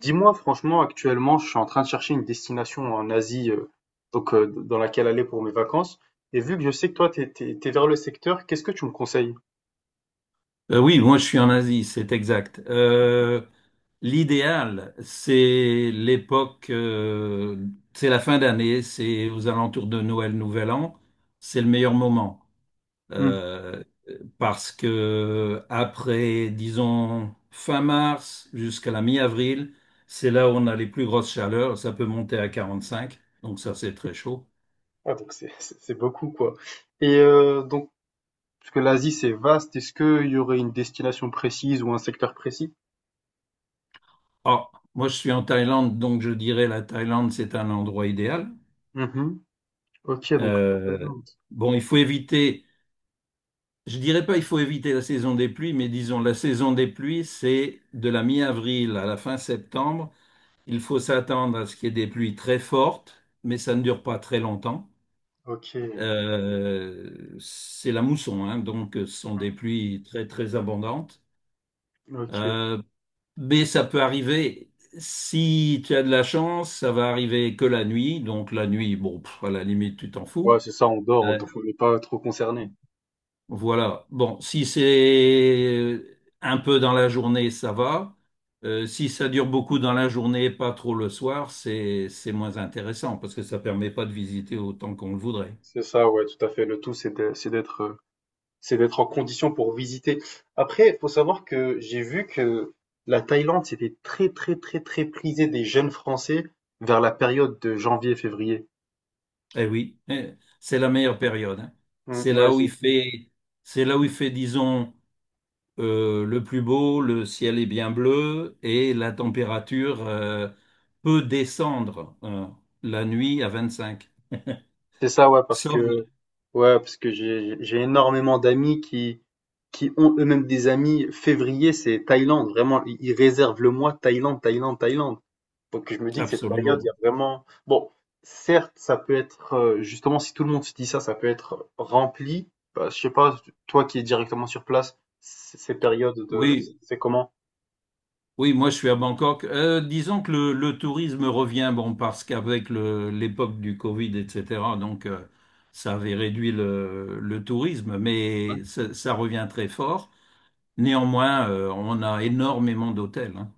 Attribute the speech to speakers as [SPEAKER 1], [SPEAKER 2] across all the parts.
[SPEAKER 1] Dis-moi, franchement, actuellement, je suis en train de chercher une destination en Asie, donc dans laquelle aller pour mes vacances. Et vu que je sais que toi, t'es vers le secteur, qu'est-ce que tu me conseilles?
[SPEAKER 2] Oui, moi je suis en Asie, c'est exact. L'idéal, c'est l'époque, c'est la fin d'année, c'est aux alentours de Noël, Nouvel An, c'est le meilleur moment.
[SPEAKER 1] Hmm.
[SPEAKER 2] Euh, Parce que après, disons, fin mars jusqu'à la mi-avril, c'est là où on a les plus grosses chaleurs, ça peut monter à 45, donc ça c'est très chaud.
[SPEAKER 1] Ah, donc c'est beaucoup, quoi. Et donc, parce que l'Asie, c'est vaste, est-ce qu'il y aurait une destination précise ou un secteur précis?
[SPEAKER 2] Ah, moi je suis en Thaïlande, donc je dirais la Thaïlande c'est un endroit idéal.
[SPEAKER 1] Mhm. Ok, donc. Le
[SPEAKER 2] Euh,
[SPEAKER 1] Thaïlande.
[SPEAKER 2] bon, il faut éviter, je dirais pas il faut éviter la saison des pluies, mais disons la saison des pluies, c'est de la mi-avril à la fin septembre. Il faut s'attendre à ce qu'il y ait des pluies très fortes, mais ça ne dure pas très longtemps.
[SPEAKER 1] Ok.
[SPEAKER 2] C'est la mousson, hein, donc ce sont des pluies très très abondantes.
[SPEAKER 1] Mm. Ok.
[SPEAKER 2] Euh, mais ça peut arriver, si tu as de la chance, ça va arriver que la nuit. Donc la nuit, bon, pff, à la limite, tu t'en fous.
[SPEAKER 1] Ouais, c'est ça, on dort,
[SPEAKER 2] Euh,
[SPEAKER 1] donc on n'est pas trop concerné.
[SPEAKER 2] Voilà. Bon, si c'est un peu dans la journée, ça va. Si ça dure beaucoup dans la journée, pas trop le soir, c'est moins intéressant parce que ça permet pas de visiter autant qu'on le voudrait.
[SPEAKER 1] C'est ça, ouais, tout à fait. Le tout, c'est d'être c'est d'être en condition pour visiter. Après, il faut savoir que j'ai vu que la Thaïlande, c'était très, très, très, très prisé des jeunes Français vers la période de janvier-février.
[SPEAKER 2] Eh oui, eh, c'est la meilleure période, hein. C'est
[SPEAKER 1] Mm, ouais,
[SPEAKER 2] là où il fait, c'est là où il fait, disons, le plus beau, le ciel est bien bleu et la température peut descendre la nuit à 25.
[SPEAKER 1] c'est ça,
[SPEAKER 2] Sauf
[SPEAKER 1] ouais, parce que j'ai énormément d'amis qui ont eux-mêmes des amis. Février, c'est Thaïlande, vraiment, ils réservent le mois Thaïlande, Thaïlande, Thaïlande. Donc je me dis que cette période, il y
[SPEAKER 2] absolument.
[SPEAKER 1] a vraiment... Bon, certes, ça peut être, justement, si tout le monde se dit ça, ça peut être rempli. Bah, je sais pas, toi qui es directement sur place, ces périodes de...
[SPEAKER 2] Oui,
[SPEAKER 1] c'est comment?
[SPEAKER 2] oui, moi je suis à Bangkok. Disons que le tourisme revient, bon, parce qu'avec l'époque du Covid, etc., donc ça avait réduit le tourisme, mais ça revient très fort. Néanmoins, on a énormément d'hôtels, hein.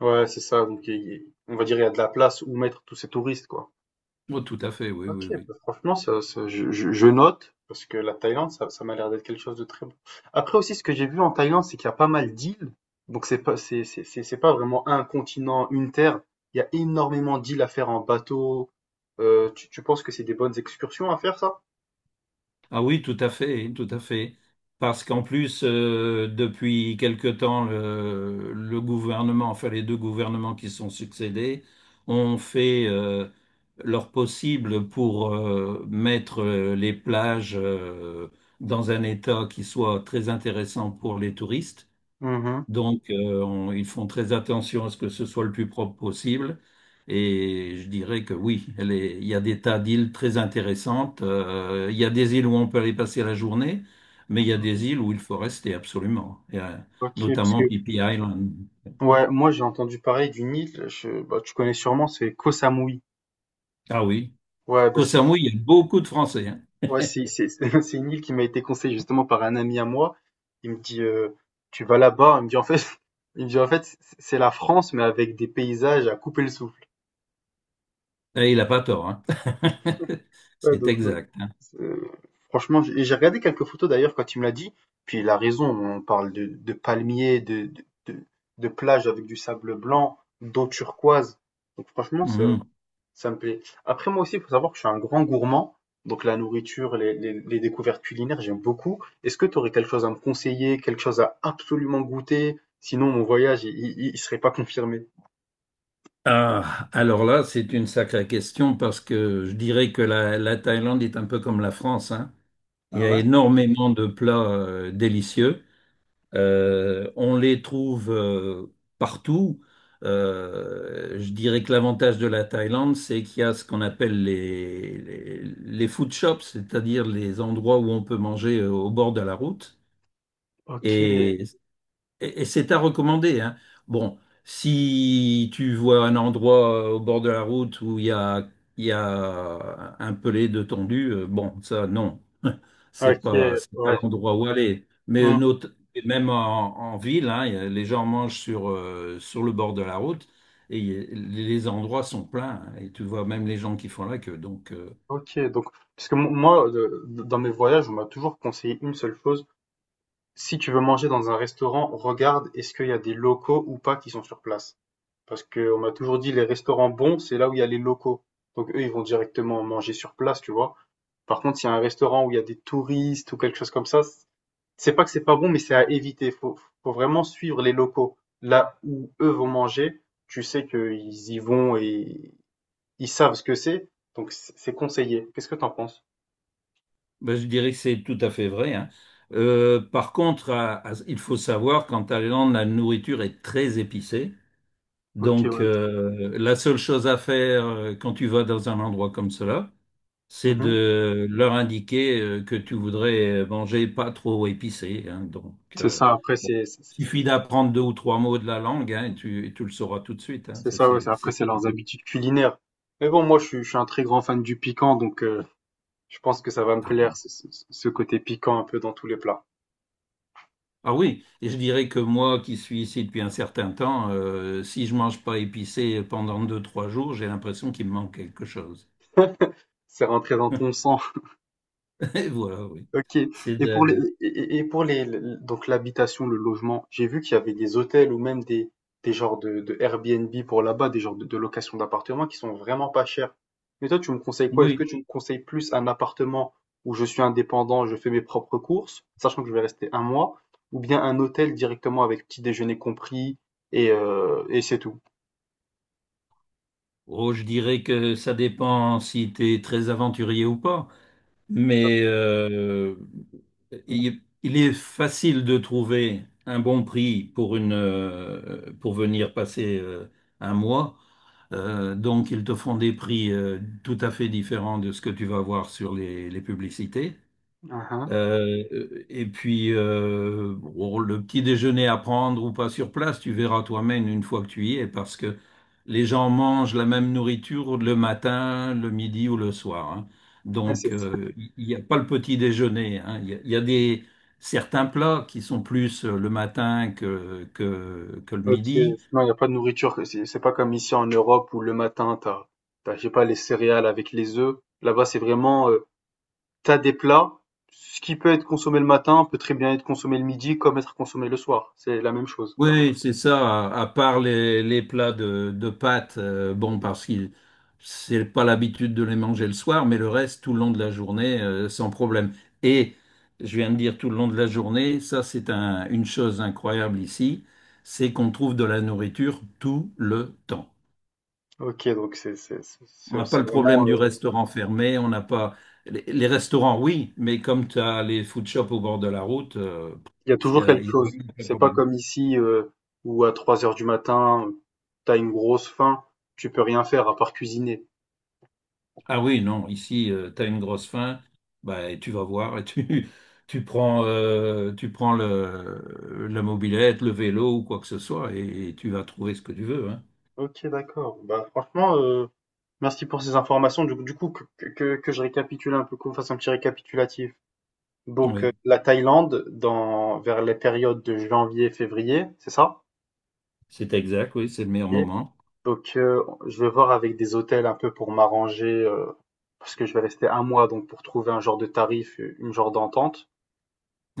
[SPEAKER 1] Ouais, c'est ça. Donc on va dire il y a de la place où mettre tous ces touristes, quoi.
[SPEAKER 2] Oh, tout à fait, oui,
[SPEAKER 1] OK,
[SPEAKER 2] oui, oui.
[SPEAKER 1] bah, franchement ça je note parce que la Thaïlande ça m'a l'air d'être quelque chose de très bon. Après aussi ce que j'ai vu en Thaïlande, c'est qu'il y a pas mal d'îles, donc c'est pas c'est c'est pas vraiment un continent, une terre. Il y a énormément d'îles à faire en bateau. Tu penses que c'est des bonnes excursions à faire ça?
[SPEAKER 2] Ah oui, tout à fait, tout à fait. Parce qu'en plus, depuis quelque temps, le gouvernement, enfin les deux gouvernements qui sont succédés, ont fait leur possible pour mettre les plages dans un état qui soit très intéressant pour les touristes.
[SPEAKER 1] Mmh.
[SPEAKER 2] Donc, ils font très attention à ce que ce soit le plus propre possible. Et je dirais que oui, il y a des tas d'îles très intéressantes. Il y a des îles où on peut aller passer la journée, mais il y a des îles où il faut rester absolument.
[SPEAKER 1] OK, parce que
[SPEAKER 2] Notamment Phi Phi Island.
[SPEAKER 1] ouais, moi j'ai entendu parler d'une île, je bah, tu connais sûrement, c'est Koh Samui.
[SPEAKER 2] Ah oui.
[SPEAKER 1] Ouais, bah,
[SPEAKER 2] Koh
[SPEAKER 1] c'est
[SPEAKER 2] Samui, il y a beaucoup de Français, hein.
[SPEAKER 1] ouais, c'est c'est une île qui m'a été conseillée justement par un ami à moi. Il me dit tu vas là-bas, il me dit en fait il me dit en fait c'est la France mais avec des paysages à couper le souffle.
[SPEAKER 2] Et il n'a pas tort, hein.
[SPEAKER 1] Ouais
[SPEAKER 2] C'est
[SPEAKER 1] donc
[SPEAKER 2] exact, hein.
[SPEAKER 1] c'est franchement j'ai regardé quelques photos d'ailleurs quand il me l'a dit, puis il a raison, on parle de palmiers, de plages avec du sable blanc, d'eau turquoise, donc franchement ça
[SPEAKER 2] Mhm.
[SPEAKER 1] ça me plaît. Après, moi aussi, il faut savoir que je suis un grand gourmand. Donc, la nourriture, les découvertes culinaires, j'aime beaucoup. Est-ce que tu aurais quelque chose à me conseiller, quelque chose à absolument goûter? Sinon, mon voyage, il serait pas confirmé.
[SPEAKER 2] Ah, alors là, c'est une sacrée question parce que je dirais que la Thaïlande est un peu comme la France, hein. Il y
[SPEAKER 1] Ah
[SPEAKER 2] a
[SPEAKER 1] ouais?
[SPEAKER 2] énormément de plats délicieux. On les trouve partout. Je dirais que l'avantage de la Thaïlande, c'est qu'il y a ce qu'on appelle les food shops, c'est-à-dire les endroits où on peut manger au bord de la route.
[SPEAKER 1] Ok,
[SPEAKER 2] Et, et c'est à recommander, hein. Bon, si tu vois un endroit au bord de la route où il y a un pelé de tondu, bon, ça, non.
[SPEAKER 1] ok,
[SPEAKER 2] C'est pas
[SPEAKER 1] ouais.
[SPEAKER 2] l'endroit où aller. Mais
[SPEAKER 1] Hmm.
[SPEAKER 2] nos- et même en ville, hein, les gens mangent sur, sur le bord de la route et les endroits sont pleins, hein. Et tu vois même les gens qui font la queue. Donc,
[SPEAKER 1] Ok, donc, parce que moi, dans mes voyages, on m'a toujours conseillé une seule chose. Si tu veux manger dans un restaurant, regarde est-ce qu'il y a des locaux ou pas qui sont sur place. Parce qu'on m'a toujours dit les restaurants bons, c'est là où il y a les locaux. Donc eux, ils vont directement manger sur place, tu vois. Par contre, s'il y a un restaurant où il y a des touristes ou quelque chose comme ça, c'est pas que c'est pas bon, mais c'est à éviter. Faut vraiment suivre les locaux. Là où eux vont manger, tu sais qu'ils y vont et ils savent ce que c'est, donc c'est conseillé. Qu'est-ce que t'en penses?
[SPEAKER 2] ben, je dirais que c'est tout à fait vrai, hein. Par contre, il faut savoir qu'en Thaïlande, la nourriture est très épicée.
[SPEAKER 1] Ok,
[SPEAKER 2] Donc,
[SPEAKER 1] ouais.
[SPEAKER 2] la seule chose à faire quand tu vas dans un endroit comme cela, c'est
[SPEAKER 1] Mhm.
[SPEAKER 2] de leur indiquer que tu voudrais manger pas trop épicé, hein. Donc,
[SPEAKER 1] C'est ça, après,
[SPEAKER 2] bon, suffit d'apprendre deux ou trois mots de la langue, hein, et tu le sauras tout de suite, hein.
[SPEAKER 1] c'est ça, ouais.
[SPEAKER 2] C'est
[SPEAKER 1] Après, c'est
[SPEAKER 2] ça.
[SPEAKER 1] leurs habitudes culinaires. Mais bon, moi, je suis un très grand fan du piquant, donc je pense que ça va me plaire, ce côté piquant un peu dans tous les plats.
[SPEAKER 2] Ah oui, et je dirais que moi qui suis ici depuis un certain temps, si je mange pas épicé pendant deux, trois jours, j'ai l'impression qu'il me manque quelque chose.
[SPEAKER 1] C'est rentré dans ton sang.
[SPEAKER 2] Et voilà, oui.
[SPEAKER 1] Ok.
[SPEAKER 2] C'est
[SPEAKER 1] Et pour les,
[SPEAKER 2] de-
[SPEAKER 1] et pour les, donc l'habitation, le logement, j'ai vu qu'il y avait des hôtels ou même des genres de Airbnb pour là-bas, des genres de location d'appartements qui sont vraiment pas chers. Mais toi, tu me conseilles quoi? Est-ce que
[SPEAKER 2] Oui.
[SPEAKER 1] tu me conseilles plus un appartement où je suis indépendant, je fais mes propres courses, sachant que je vais rester un mois, ou bien un hôtel directement avec petit déjeuner compris et c'est tout?
[SPEAKER 2] Oh, je dirais que ça dépend si tu es très aventurier ou pas. Mais il est facile de trouver un bon prix pour pour venir passer un mois. Donc, ils te font des prix tout à fait différents de ce que tu vas voir sur les publicités.
[SPEAKER 1] Mhm.
[SPEAKER 2] Et puis, bon, le petit déjeuner à prendre ou pas sur place, tu verras toi-même une fois que tu y es, parce que les gens mangent la même nourriture le matin, le midi ou le soir, hein.
[SPEAKER 1] C'est
[SPEAKER 2] Donc, il n'y a pas le petit déjeuner, hein. Il y a des, certains plats qui sont plus le matin que le
[SPEAKER 1] OK.
[SPEAKER 2] midi.
[SPEAKER 1] Non, il n'y a pas de nourriture. C'est pas comme ici en Europe où le matin, t'as, je sais pas, les céréales avec les œufs. Là-bas, c'est vraiment, t'as des plats. Ce qui peut être consommé le matin peut très bien être consommé le midi comme être consommé le soir. C'est la même chose.
[SPEAKER 2] Oui, c'est ça, à part les plats de pâtes, bon, parce que c'est pas l'habitude de les manger le soir, mais le reste, tout le long de la journée, sans problème. Et je viens de dire tout le long de la journée, ça une chose incroyable ici, c'est qu'on trouve de la nourriture tout le temps.
[SPEAKER 1] OK, donc
[SPEAKER 2] On n'a pas
[SPEAKER 1] c'est
[SPEAKER 2] le problème
[SPEAKER 1] vraiment,
[SPEAKER 2] du restaurant fermé, on n'a pas... Les restaurants, oui, mais comme tu as les food shops au bord de la route,
[SPEAKER 1] il y a toujours quelque
[SPEAKER 2] il y a
[SPEAKER 1] chose.
[SPEAKER 2] vraiment pas de
[SPEAKER 1] C'est pas
[SPEAKER 2] problème.
[SPEAKER 1] comme ici où à 3 heures du matin, t'as une grosse faim, tu peux rien faire à part cuisiner.
[SPEAKER 2] Ah oui, non, ici, tu as une grosse faim, bah, et tu vas voir, et tu, tu prends la mobilette, le vélo ou quoi que ce soit, et tu vas trouver ce que tu veux, hein.
[SPEAKER 1] Ok, d'accord. Bah, franchement, merci pour ces informations. Que je récapitule un peu, qu'on fasse un petit récapitulatif. Donc,
[SPEAKER 2] Oui,
[SPEAKER 1] la Thaïlande, dans, vers les périodes de janvier, février, c'est ça?
[SPEAKER 2] c'est exact, oui, c'est le meilleur
[SPEAKER 1] Et
[SPEAKER 2] moment.
[SPEAKER 1] donc, je vais voir avec des hôtels un peu pour m'arranger, parce que je vais rester un mois, donc pour trouver un genre de tarif, une genre d'entente.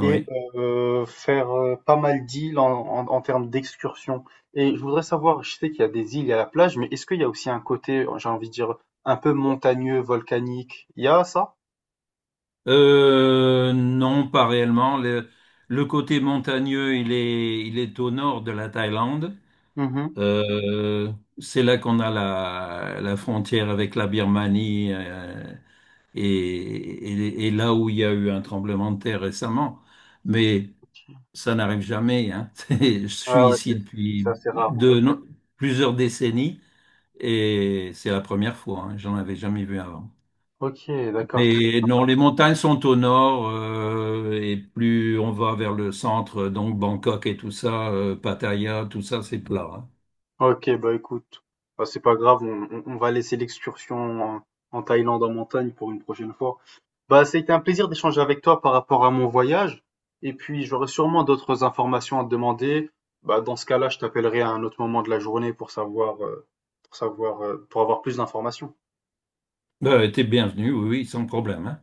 [SPEAKER 1] Et faire pas mal d'îles en termes d'excursion. Et je voudrais savoir, je sais qu'il y a des îles, il y a la plage, mais est-ce qu'il y a aussi un côté, j'ai envie de dire, un peu montagneux, volcanique? Il y a ça?
[SPEAKER 2] Non, pas réellement. Le côté montagneux, il est au nord de la Thaïlande.
[SPEAKER 1] Mhm.
[SPEAKER 2] C'est là qu'on a la frontière avec la Birmanie, et là où il y a eu un tremblement de terre récemment. Mais ça n'arrive jamais, hein. C'est- Je suis
[SPEAKER 1] Ah ouais,
[SPEAKER 2] ici depuis
[SPEAKER 1] c'est assez rare, ouais.
[SPEAKER 2] de no- plusieurs décennies et c'est la première fois, hein. J'en avais jamais vu avant.
[SPEAKER 1] Ok, d'accord.
[SPEAKER 2] Mais non, les montagnes sont au nord et plus on va vers le centre, donc Bangkok et tout ça, Pattaya, tout ça, c'est plat, hein.
[SPEAKER 1] Ok, bah écoute, bah, c'est pas grave, on va laisser l'excursion en, en Thaïlande en montagne pour une prochaine fois. Bah, ça a été un plaisir d'échanger avec toi par rapport à mon voyage. Et puis, j'aurai sûrement d'autres informations à te demander. Bah, dans ce cas-là, je t'appellerai à un autre moment de la journée pour savoir, pour savoir, pour avoir plus d'informations.
[SPEAKER 2] Ben, t'es bienvenu, oui, oui, sans problème, hein.